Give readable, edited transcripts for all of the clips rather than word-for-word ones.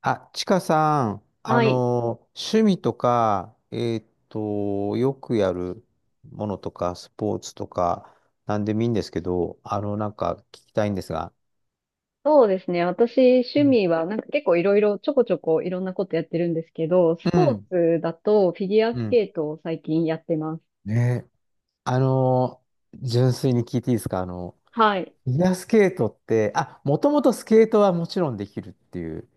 あ、ちかさん、はい。趣味とか、よくやるものとか、スポーツとか、なんでもいいんですけど、なんか聞きたいんですが。そうですね。私、う趣ん味は、結構いろいろ、ちょこちょこいろんなことやってるんですけど、スうポーん、ツだとフィギュアうスん。ケートを最近やってます。ねえ、あの、純粋に聞いていいですか？はい。フィギュアスケートって、あ、もともとスケートはもちろんできるっていう。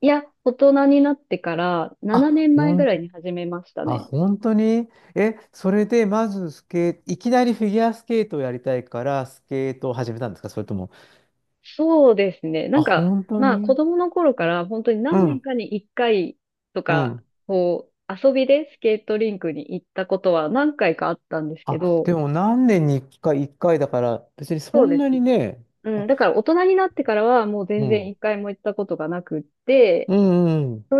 いや、大人になってから7あ、年ほ前ぐん、らいに始めましたあ、ね。本当に。え、それでまずスケ、いきなりフィギュアスケートをやりたいから、スケートを始めたんですか？それとも、そうですね。あ、本当まあ子に。供の頃から本当にう何年ん、かに1回とうか、ん。こう、遊びでスケートリンクに行ったことは何回かあったんですけあ、でど、も何年に一回、一回だから、別にそそうんでなすにね。ね。うあ、ん、だから大人になってからはもうう全然ん、一回も行ったことがなくって、うん、うん、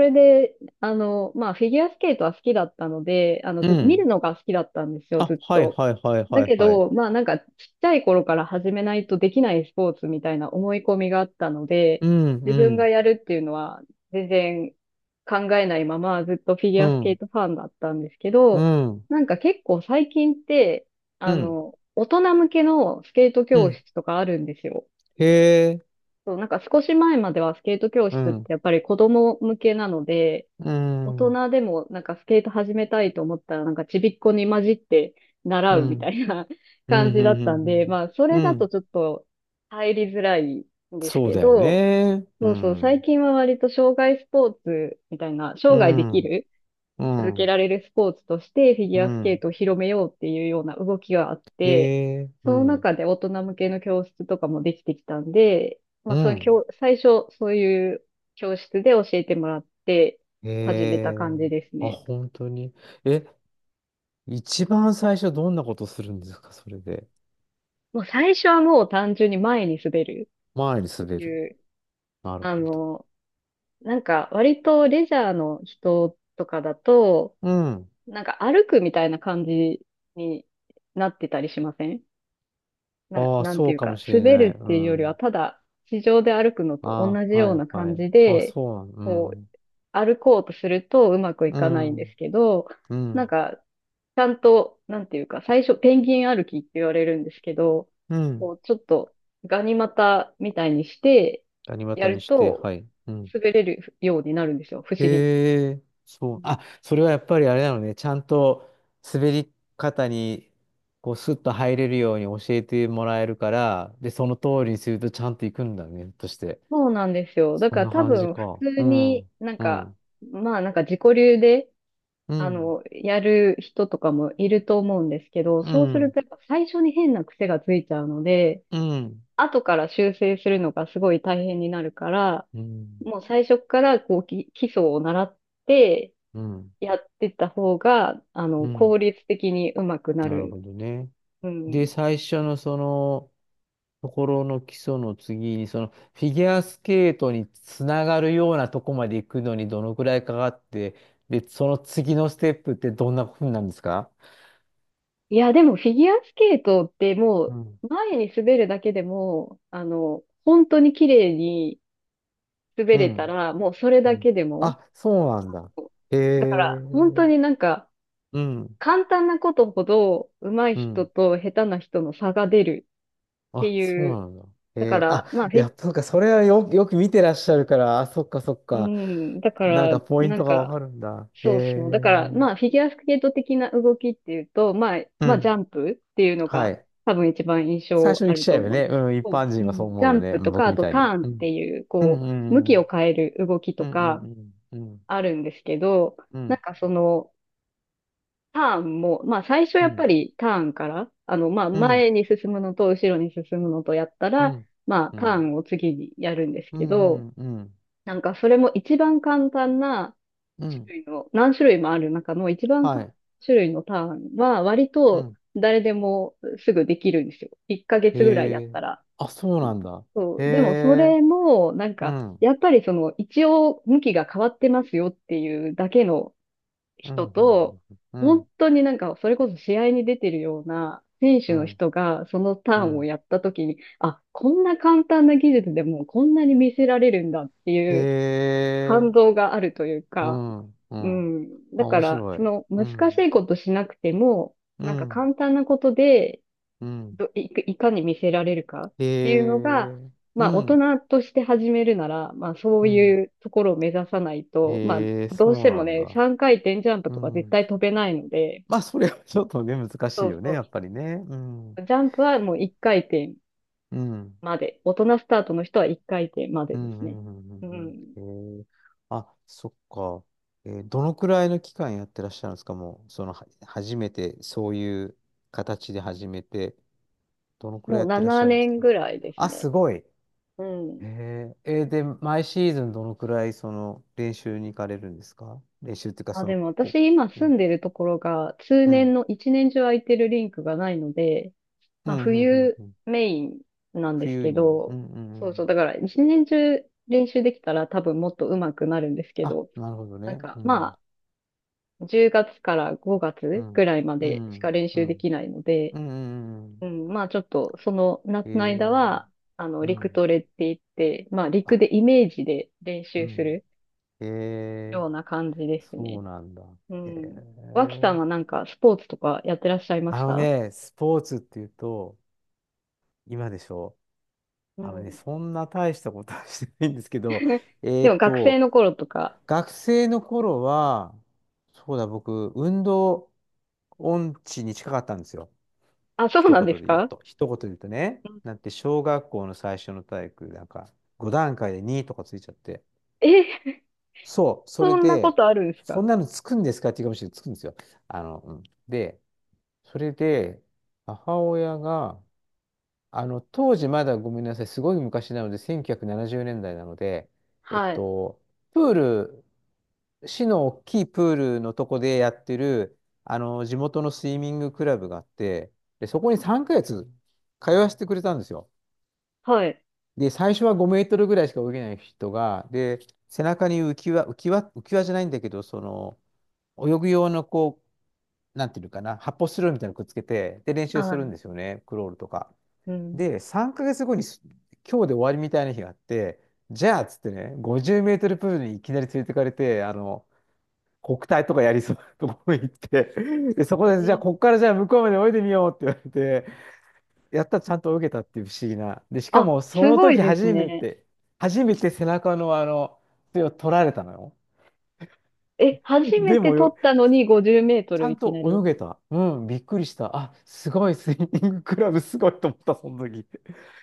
まあフィギュアスケートは好きだったので、あの、うず、見るん。のが好きだったんですよ、あ、ずっはいと。はいはいだはいけはい。ど、ちっちゃい頃から始めないとできないスポーツみたいな思い込みがあったので、うん、自う分がん、やるっていうのは全然考えないままずっとフィギうュアスケーん、トファンだったんですけうど、ん、結構最近って、うん、大人向けのスケートう教ん。室とかあるんですよ。へえ。そう、少し前まではスケート教う室っん、てやっぱり子供向けなので、う大ん、うん、人でもスケート始めたいと思ったらちびっこに混じってう習うみたん、いな う感ん、うじだったん、んで、まあそうん。うれだとんちょっと入りづらいんですそうけだよど、ね。うそう、最ん、近は割と障害スポーツみたいな、生う涯できん、るう続けん、られるスポーツとしてフィうギュアスケーん。トを広めようっていうような動きがあっへて、え。そうのん、中で大人向けの教室とかもできてきたんで、まうあ、そのん。教、最初そういう教室で教えてもらってえ始めたえ感じですあ、ね。本当に。え、一番最初どんなことするんですか、それで？もう最初はもう単純に前に滑る前にっ滑てる。いう、なるあほど。の、割とレジャーの人とかだと、うん。歩くみたいな感じになってたりしませんああ、なんてそいううかもか、しれ滑ない。るっうていうよりは、ん。ただ、地上で歩くのと同あじあ、はよういなは感い。じあ、で、そうなん。こう、ん。歩こうとするとうまくいうかないんですん。けど、うなんん。か、ちゃんと、なんていうか、最初、ペンギン歩きって言われるんですけど、こう、ちょっと、ガニ股みたいにして、谷や股るにして、と、はい。うん。滑れるようになるんですよ、不思議。へえ、そうう。ん。あ、それはやっぱりあれなのね。ちゃんと滑り方に、こう、スッと入れるように教えてもらえるから、で、その通りにするとちゃんと行くんだね、として。そうなんですよ。だそかんらな多感じ分、普か。通うにん、うん、自己流で、うん、やる人とかもいると思うんですけど、うそうするん、とやっぱ最初に変な癖がついちゃうので、うん、後から修正するのがすごい大変になるから、うん、もう最初からこう基礎を習ってうん、やってた方が、う効ん。率的にうまくななるほる。どね。うで、ん。最初のその、ところの基礎の次に、その、フィギュアスケートにつながるようなとこまで行くのにどのくらいかかって、で、その次のステップってどんなふうなんですか？いや、でもフィギュアスケートってもうん、う前に滑るだけでも、本当に綺麗に滑うれたん、ら、もうそれうだん。けでも、あ、そうなんだ。へだかえ。ら、本当になんか、うん、簡単なことほど上手いう人ん。と下手な人の差が出るってあ、そいうう。なんだ。だかえー、あ、ら、まあ、フいィ、や、そうか、それはよ、よく見てらっしゃるから、あ、そっかそっうか。ん、だかなんから、ポインなトんがわか、かるんだ。そうそう。だから、まあ、フィギュアスケート的な動きっていうと、まあ、うまあ、ジん。ャンプっていうのはがい。多分一番印最象初あに来るちとゃえば思うんね、ですけ一ど、般う人はそうん、ジ思うャよンね。プうとんか、僕あみとたいタに。ーンっうてん。いう、うこんうう、向きをん変える動きとうんかうんうんあるんですけど、うなんんかその、ターンも、まあ最初うやっぱんりターンから、まあうん前に進むのと後ろに進むのとやったうら、んまあうターんンを次にやるんですうけんど、うんうんそれも一番簡単なう種ん類の、何種類もある中の一番は簡単いな種類のターンは割うとん誰でもすぐできるんですよ。1ヶ月ぐらいやへっえたら。あそうなんだそへう。でもそえれも、うんやっぱりその一応向きが変わってますよっていうだけのう人んうんと、う本ん当になんか、それこそ試合に出てるような選手うのん人が、そのタうーンをんやった時に、あ、こんな簡単な技術でもこんなに見せられるんだってへいうえ、感動があるといううか、ん、ううん。ん。だあ、か面ら、白い。その難うしいん、ことしなくても、うん、簡単なことでうん。ど、い、いかに見せられるかっへていうのが、え、うまあ、大ん、人として始めるなら、まあ、そううん。いうところを目指さないと、まあ、へえ、どうしそうてもなんね、だ。3回転ジャンプうとか絶ん。対飛べないので、まあ、それはちょっとね、難しそいうよね、そやっぱりね。うん、う。ジャンプはもう1回転うん、まで。大人スタートの人は1回転までうでん、すうね。ん。ううんん。うんへえ、あ、そっか。えーどのくらいの期間やってらっしゃるんですか？もう、その、は、初めて、そういう形で始めて、どのくらいもやうってらっし7ゃるんです年か？ぐらいですあ、ね。すごい。うん。えー、えーで、毎シーズンどのくらいその練習に行かれるんですか？練習っていうか、あ、そでの、も私こ今う、住んでるところが、通うん、年の1年中空いてるリンクがないので、うまん、あ、うん、うん冬うんメインなんです冬けに、ど、そうそう、だから一年中練習できたら多分もっと上手くなるんですけあ、ど、なるほどなんね。うかん、ま10月から5う月ん、ぐらいまうでしかん、練う習でん、きないので、うん、うん、ううんん、まあちょっとそのえ夏の間ー、は、う陸ん、トレって言って、まああ、陸でイメージで練う習すん、るえー、ような感じですそね。うなんだ。うえん。脇さー、んはスポーツとかやってらっしゃいまあしのた？ね、スポーツっていうと、今でしょ？うあのね、ん。そんな大したことはしてないんですけど、えでもー学生と、の頃とか、学生の頃は、そうだ、僕、運動音痴に近かったんですよ。あ、そう一なんで言すで言うか？と。一言で言うとね。なんて、小学校の最初の体育、なんか、5段階で2とかついちゃって。え、そう、それそんなこで、とあるんですそか？んなのつくんですかって言うかもしれない。つくんですよ。あの、うん。で、それで、母親が、あの、当時まだごめんなさい、すごい昔なので、1970年代ななじゅうねんだいなので、えっはい。と、プール市の大きいプールのとこでやってる、あの、地元のスイミングクラブがあって、で、そこに3ヶ月通わせてくれたんですよ。はい。で、最初は5メートルぐらいしか泳げない人が、で、背中に浮き輪、浮き輪、浮き輪じゃないんだけど、その、泳ぐ用のこう、なんていうのかな、発泡スチロールみたいなのくっつけて、で、練習するんではすよね、クロールとか。い。うん。で、3ヶ月後にす、今日で終わりみたいな日があって、じゃあ、っつってね、50メートルプールにいきなり連れてかれて、あの、国体とかやりそうなところに行って、で、そこえで、じゃあ、ー。こっからじゃあ、向こうまで泳いでみようって言われて、やったらちゃんと泳げたっていう不思議な。で、しかあ、も、そすのごい時です初めね。て、初めて背中のあの、手を取られたのよ。え、初めでても撮よ、ったのに50メートちルゃいんきなと泳り。げた。うん、びっくりした。あ、すごい、スイミングクラブすごいと思った、その時。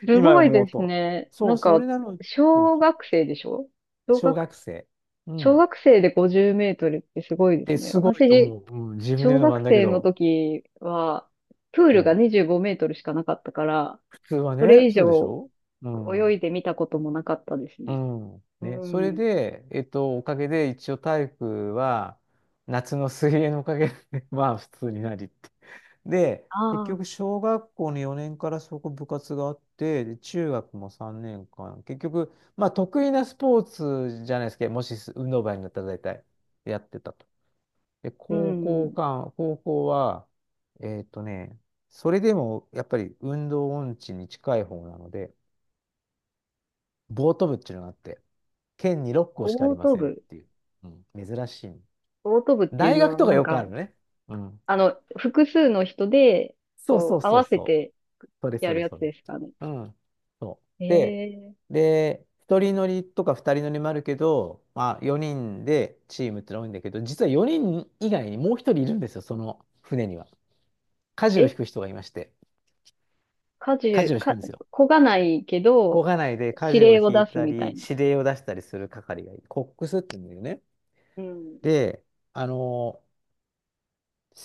す今ごい思でうすと。ね。そう、それなのに、そう小そう、学生でしょ？小小学、学生。う小ん。学生で50メートルってすごいですで、ね。すごいと私、思う。うん、自分で言小うのもな学んだけ生のど、時は、プールがそう。25メートルしかなかったから、普通はそね、れ以そうでし上ょ？う泳ん。いでみたこともなかったですうね。ん。うね。それん。で、えっと、おかげで一応体育は、夏の水泳のおかげで まあ普通になりって。で、あ結あ、局、小学校の4年からそこ部活があって、で中学も3年間、結局、まあ得意なスポーツじゃないですけど、もし運動部になったら大体やってたと。で、う高校ん。間、高校は、えっとね、それでもやっぱり運動音痴に近い方なので、ボート部っていうのがあって、県に6校しかあオりーまトせんっ部。ていう。うん、珍しい。オート部っていう大の学は、とかよくあるのね。うん。複数の人で、そうそこうう、合そうわせそう。てそれやそるれやつそれ。ですかね。うん。そう。えで、ー、で、一人乗りとか二人乗りもあるけど、まあ4人でチームってのが多いんだけど、実は4人以外にもう一人いるんですよ、その船には。舵を引え、く人がいまして、家舵事、を引くか、んですよ。こがないけ漕ど、がないで指舵を令を引い出すたみたいり、な。指令を出したりする係がいる。コックスって言うんだよね。うん。で、あの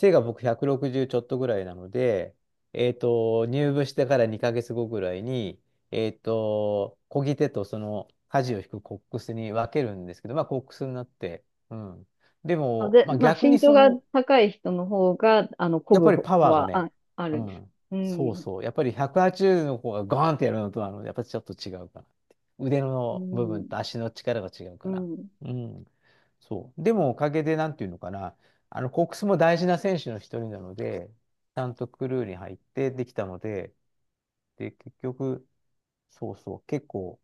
背が僕160ちょっとぐらいなので、えっと、入部してから2ヶ月後ぐらいに、えっと、漕ぎ手とその舵を引くコックスに分けるんですけど、まあコックスになって、うん。であ、も、で、まあまあ、逆身に長そがの、高い人の方が、こやっぱりぐパのワーがはね、あうるんです。ん。うそうん。そう。やっぱり180の子がガーンってやるのとは、あの、やっぱりちょっと違うかなって。腕うの部分ん。と足の力が違ううから。ん。うん。そう。でもおかげで、なんていうのかな、あの、コックスも大事な選手の一人なので、ちゃんとクルーに入ってできたので、で、結局、そうそう、結構、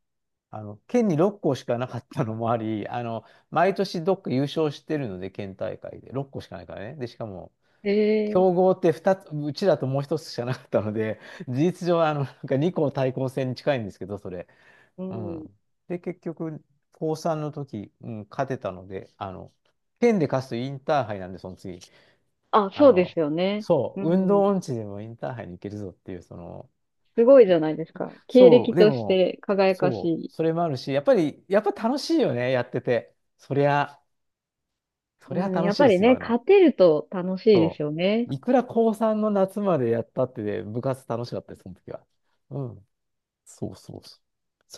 あの、県に6校しかなかったのもあり、あの、毎年どっか優勝してるので、県大会で、6校しかないからね。で、しかも、え強ー、豪って2つ、うちだともう一つしかなかったので、事実上、あの、なんか2校対抗戦に近いんですけど、それ。ううん。ん。で、結局、高3の時、うん、勝てたので、あの、県で勝つとインターハイなんで、その次、あ、あそうですの、よね。そうう、運動ん。音痴でもインターハイに行けるぞっていう、その、すごいじゃないですか。経そ歴う、でとしも、て輝かしそう、い。それもあるし、やっぱり、やっぱ楽しいよね、やってて。そりゃ、そうりゃん、楽やっしいぱでりすよ、ね、あ勝の、てると楽しいですそよね。う。いくら高3の夏までやったってね、部活楽しかったです、その時は。うん。そうそうそう。